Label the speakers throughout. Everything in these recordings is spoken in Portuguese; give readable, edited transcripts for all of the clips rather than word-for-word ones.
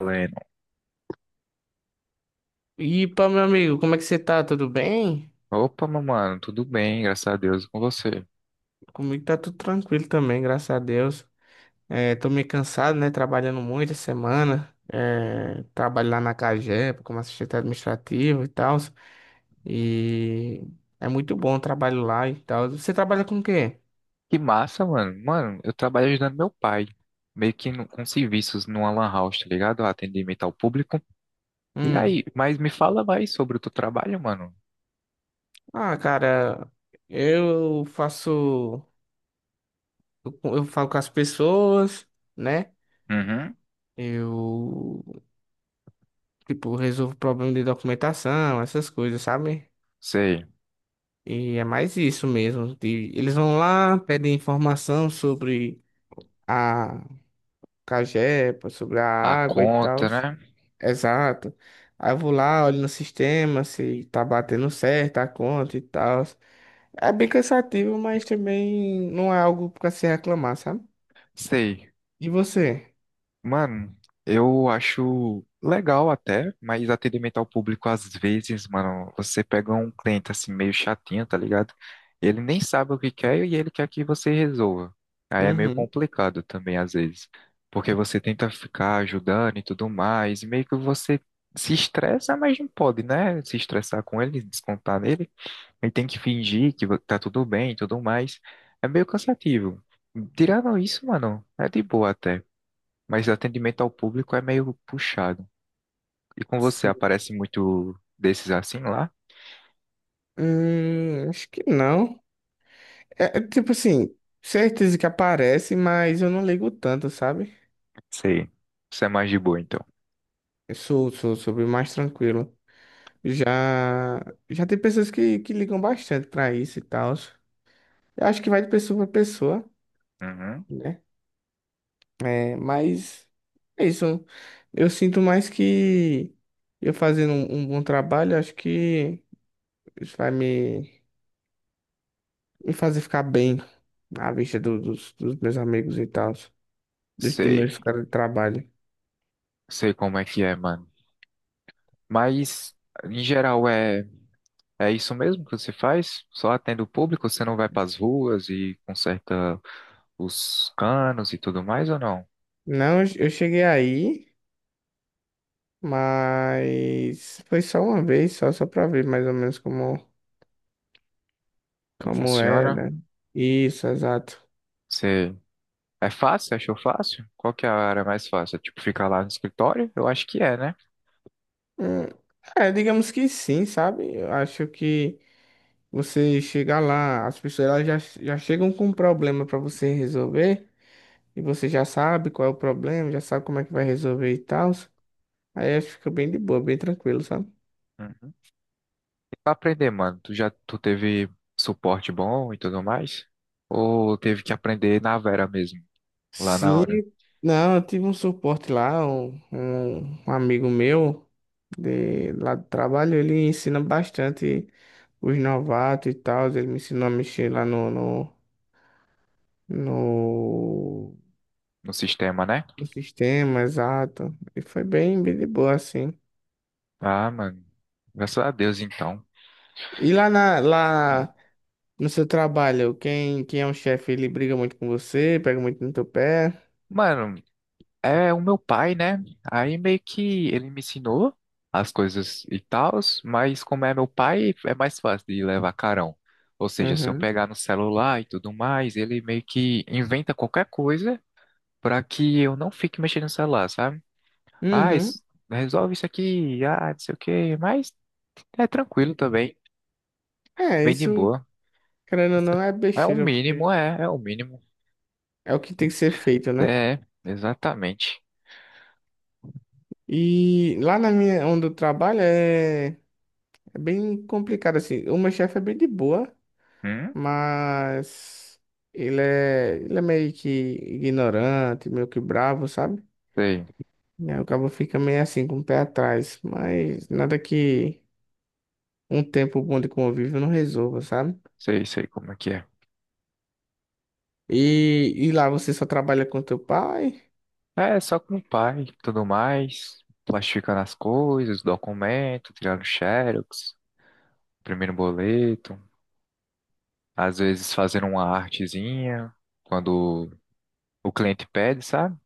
Speaker 1: Lennon.
Speaker 2: E pá, meu amigo, como é que você tá? Tudo bem?
Speaker 1: Opa, meu mano, tudo bem, graças a Deus, e com você.
Speaker 2: Comigo tá tudo tranquilo também, graças a Deus. Tô meio cansado, né? Trabalhando muito essa semana. É, trabalho lá na CAGEP como assistente administrativo e tal. E é muito bom o trabalho lá e tal. Você trabalha com o quê?
Speaker 1: Que massa, mano. Mano, eu trabalho ajudando meu pai, meio que com serviços numa lan house, tá ligado? Atendimento ao público. E
Speaker 2: Hum.
Speaker 1: aí, mas me fala mais sobre o teu trabalho, mano.
Speaker 2: Ah, cara, eu faço. Eu falo com as pessoas, né?
Speaker 1: Uhum,
Speaker 2: Eu, tipo, resolvo problema de documentação, essas coisas, sabe?
Speaker 1: sei.
Speaker 2: E é mais isso mesmo. Eles vão lá, pedem informação sobre a cagepa, sobre a
Speaker 1: A
Speaker 2: água e tal.
Speaker 1: conta, né?
Speaker 2: Exato. Aí eu vou lá, olho no sistema se tá batendo certo a conta e tal. É bem cansativo, mas também não é algo pra se reclamar, sabe?
Speaker 1: Sei.
Speaker 2: E você?
Speaker 1: Mano, eu acho legal até, mas atendimento ao público às vezes, mano, você pega um cliente assim meio chatinho, tá ligado? Ele nem sabe o que quer e ele quer que você resolva. Aí é meio
Speaker 2: Uhum.
Speaker 1: complicado também às vezes, porque você tenta ficar ajudando e tudo mais, e meio que você se estressa, mas não pode, né? Se estressar com ele, descontar nele, e tem que fingir que tá tudo bem e tudo mais. É meio cansativo. Tirando isso, mano, é de boa até, mas o atendimento ao público é meio puxado. E com você,
Speaker 2: Sim.
Speaker 1: aparece muito desses assim lá?
Speaker 2: Acho que não. É tipo assim, certeza que aparece, mas eu não ligo tanto, sabe?
Speaker 1: Sei. Você é mais de boa, então.
Speaker 2: Eu sou, sou bem mais tranquilo. Já, já tem pessoas que ligam bastante pra isso e tal. Eu acho que vai de pessoa pra pessoa,
Speaker 1: Uhum.
Speaker 2: né? É, mas é isso. Eu sinto mais que eu fazendo um bom trabalho, acho que isso me fazer ficar bem à vista dos, dos meus amigos e tal, dos, dos
Speaker 1: Sei.
Speaker 2: meus caras de trabalho.
Speaker 1: Sei como é que é, mano. Mas, em geral, é, é isso mesmo que você faz? Só atende o público? Você não vai pras ruas e conserta os canos e tudo mais, ou não?
Speaker 2: Não, eu cheguei aí, mas foi só uma vez, só pra ver mais ou menos como,
Speaker 1: Como
Speaker 2: como
Speaker 1: funciona?
Speaker 2: era. Isso, exato.
Speaker 1: Você... É fácil? Achou fácil? Qual que é a área mais fácil? É, tipo, ficar lá no escritório? Eu acho que é, né?
Speaker 2: Hum, É, digamos que sim, sabe? Eu acho que você chegar lá, as pessoas elas já, já chegam com um problema pra você resolver, e você já sabe qual é o problema, já sabe como é que vai resolver e tal. Aí acho que fica bem de boa, bem tranquilo, sabe?
Speaker 1: Hum. E pra aprender, mano, tu teve suporte bom e tudo mais? Ou teve que aprender na vera mesmo, lá na
Speaker 2: Sim,
Speaker 1: hora?
Speaker 2: não, eu tive um suporte lá, um amigo meu de lá do trabalho, ele ensina bastante os novatos e tal, ele me ensinou a mexer lá no
Speaker 1: No sistema, né?
Speaker 2: o sistema, exato. E foi bem, bem de boa, assim.
Speaker 1: Ah, mano. Graças a Deus, então.
Speaker 2: E lá, lá no seu trabalho, quem, quem é o chefe, ele briga muito com você, pega muito no teu pé.
Speaker 1: Mano, é o meu pai, né? Aí meio que ele me ensinou as coisas e tals, mas como é meu pai, é mais fácil de levar carão. Ou seja, se eu
Speaker 2: Uhum.
Speaker 1: pegar no celular e tudo mais, ele meio que inventa qualquer coisa para que eu não fique mexendo no celular, sabe? Ah,
Speaker 2: Uhum.
Speaker 1: resolve isso aqui, ah, não sei o quê, mas é tranquilo também,
Speaker 2: É,
Speaker 1: bem de
Speaker 2: isso,
Speaker 1: boa.
Speaker 2: querendo ou não, é
Speaker 1: É o
Speaker 2: besteira,
Speaker 1: mínimo,
Speaker 2: porque
Speaker 1: é, é o mínimo.
Speaker 2: é o que tem que ser feito, né?
Speaker 1: É, exatamente.
Speaker 2: E lá na minha, onde eu trabalho, é, é bem complicado, assim. O meu chefe é bem de boa,
Speaker 1: Hum?
Speaker 2: mas ele é meio que ignorante, meio que bravo, sabe?
Speaker 1: Sei,
Speaker 2: E aí o cabo fica meio assim, com o pé atrás. Mas nada que um tempo bom de convívio não resolva, sabe?
Speaker 1: sei, sei, como é que é.
Speaker 2: E lá você só trabalha com teu pai?
Speaker 1: É, só com o pai, e tudo mais, plastificando as coisas, documento, tirando xerox, primeiro boleto, às vezes fazendo uma artezinha, quando o cliente pede, sabe?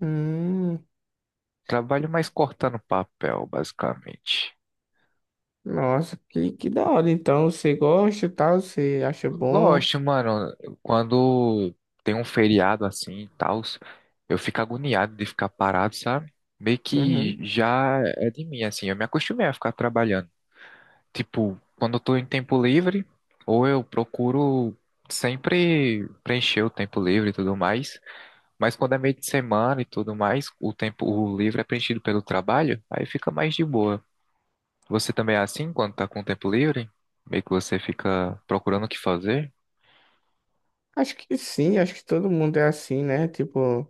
Speaker 2: Hum,
Speaker 1: Trabalho mais cortando papel, basicamente.
Speaker 2: nossa, que da hora. Então você gosta e tal, você acha
Speaker 1: Eu
Speaker 2: bom?
Speaker 1: gosto, mano, quando tem um feriado assim e tal, eu fico agoniado de ficar parado, sabe? Meio que
Speaker 2: Uhum.
Speaker 1: já é de mim, assim, eu me acostumei a ficar trabalhando. Tipo, quando eu tô em tempo livre, ou eu procuro sempre preencher o tempo livre e tudo mais. Mas quando é meio de semana e tudo mais, o livre é preenchido pelo trabalho, aí fica mais de boa. Você também é assim quando tá com o tempo livre? Meio que você fica procurando o que fazer?
Speaker 2: Acho que sim, acho que todo mundo é assim, né? Tipo,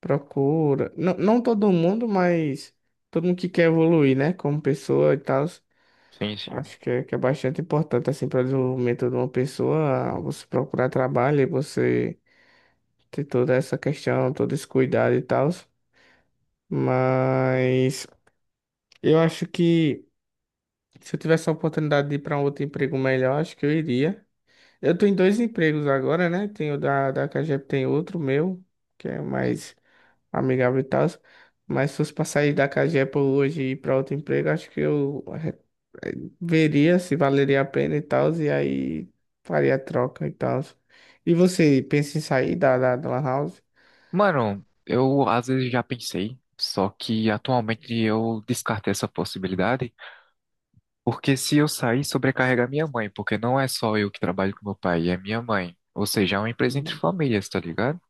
Speaker 2: procura. Não, não todo mundo, mas todo mundo que quer evoluir, né? Como pessoa e tal.
Speaker 1: Sim, sim.
Speaker 2: Acho que é bastante importante, assim, para o desenvolvimento de uma pessoa, você procurar trabalho e você ter toda essa questão, todo esse cuidado e tal. Mas eu acho que se eu tivesse a oportunidade de ir para um outro emprego melhor, acho que eu iria. Eu tô em dois empregos agora, né? Tem o da Cagep, tem outro meu, que é mais amigável e tal. Mas se fosse para sair da Cagep hoje e ir para outro emprego, acho que eu veria se valeria a pena e tal, e aí faria a troca e tal. E você pensa em sair da Lan House?
Speaker 1: Mano, eu às vezes já pensei, só que atualmente eu descartei essa possibilidade, porque se eu sair, sobrecarrega minha mãe, porque não é só eu que trabalho com meu pai, é minha mãe. Ou seja, é uma empresa entre
Speaker 2: Hum,
Speaker 1: famílias, tá ligado?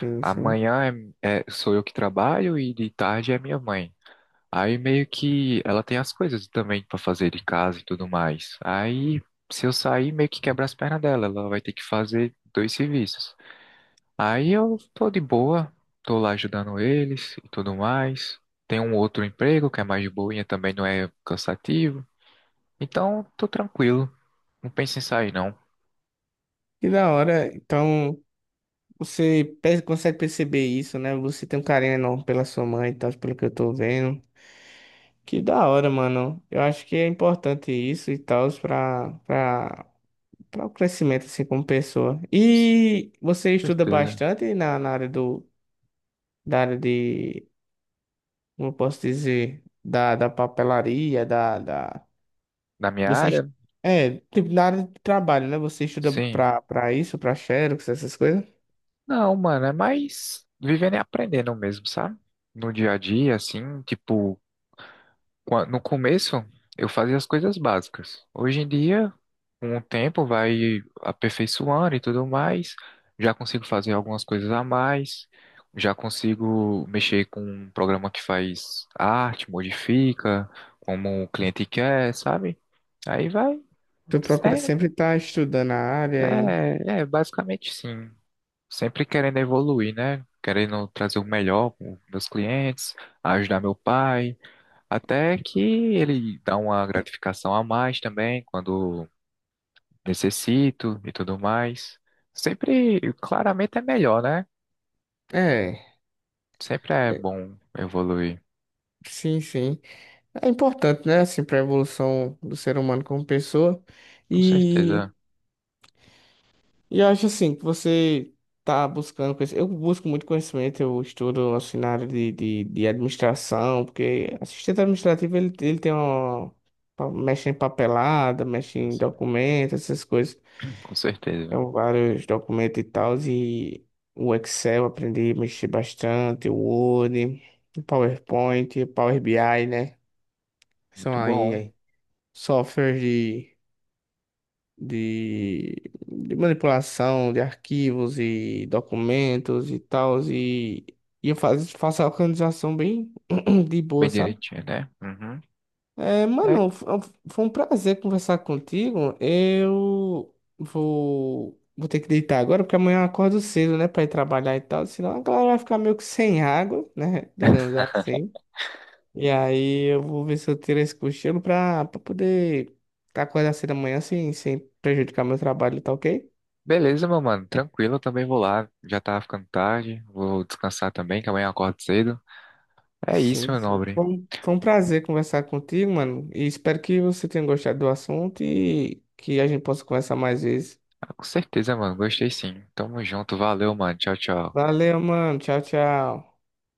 Speaker 2: Sim, sim.
Speaker 1: Amanhã sou eu que trabalho e de tarde é minha mãe. Aí meio que ela tem as coisas também pra fazer de casa e tudo mais. Aí se eu sair, meio que quebra as pernas dela, ela vai ter que fazer dois serviços. Aí eu tô de boa, tô lá ajudando eles e tudo mais. Tem um outro emprego que é mais de boinha, também não é cansativo. Então, tô tranquilo. Não penso em sair, não. Com
Speaker 2: Que da hora. Então, consegue perceber isso, né? Você tem um carinho enorme pela sua mãe e tal, pelo que eu tô vendo. Que da hora, mano. Eu acho que é importante isso e tal, pra o crescimento, assim, como pessoa. E você estuda
Speaker 1: certeza.
Speaker 2: bastante na área da área de como eu posso dizer, da papelaria, da, da...
Speaker 1: Da minha
Speaker 2: Você... est-
Speaker 1: área?
Speaker 2: É, tipo, na área de trabalho, né? Você estuda
Speaker 1: Sim.
Speaker 2: pra isso, pra Xerox, essas coisas?
Speaker 1: Não, mano, é mais vivendo e aprendendo mesmo, sabe? No dia a dia, assim, tipo, no começo eu fazia as coisas básicas. Hoje em dia, com o tempo, vai aperfeiçoando e tudo mais. Já consigo fazer algumas coisas a mais. Já consigo mexer com um programa que faz arte, modifica, como o cliente quer, sabe? Aí vai.
Speaker 2: Tu procura
Speaker 1: É,
Speaker 2: sempre estar estudando a área e...
Speaker 1: é, basicamente sim. Sempre querendo evoluir, né? Querendo trazer o melhor para meus clientes, ajudar meu pai, até que ele dá uma gratificação a mais também quando necessito e tudo mais. Sempre, claramente é melhor, né?
Speaker 2: É,
Speaker 1: Sempre é
Speaker 2: é,
Speaker 1: bom evoluir.
Speaker 2: sim, sim. É importante, né? Assim, pra evolução do ser humano como pessoa.
Speaker 1: Com certeza.
Speaker 2: E... E eu acho assim que você tá buscando conhecimento. Eu busco muito conhecimento, eu estudo assim, na área de administração, porque assistente administrativo ele tem uma. Mexe em papelada, mexe
Speaker 1: Sim,
Speaker 2: em
Speaker 1: sim.
Speaker 2: documentos, essas coisas.
Speaker 1: Com certeza.
Speaker 2: Tem vários documentos e tal, e o Excel eu aprendi a mexer bastante, o Word, o PowerPoint, o Power BI, né?
Speaker 1: Muito bom.
Speaker 2: Aí softwares de, de manipulação de arquivos e documentos e tal, e faço a organização bem de boa,
Speaker 1: Bem
Speaker 2: sabe?
Speaker 1: direitinho, né? Uhum.
Speaker 2: É, mano, foi um prazer conversar contigo. Vou ter que deitar agora, porque amanhã eu acordo cedo, né, pra ir trabalhar e tal, senão a galera vai ficar meio que sem água, né, digamos assim. E aí eu vou ver se eu tiro esse cochilo pra poder acordar cedo amanhã sem prejudicar meu trabalho, tá ok?
Speaker 1: Beleza, meu mano, tranquilo, eu também vou lá. Já tá ficando tarde, vou descansar também, que amanhã eu acordo cedo. É isso,
Speaker 2: Sim,
Speaker 1: meu
Speaker 2: sim.
Speaker 1: nobre.
Speaker 2: Foi um prazer conversar contigo, mano. E espero que você tenha gostado do assunto e que a gente possa conversar mais vezes.
Speaker 1: Ah, com certeza, mano, gostei sim. Tamo junto, valeu, mano. Tchau, tchau.
Speaker 2: Valeu, mano. Tchau, tchau.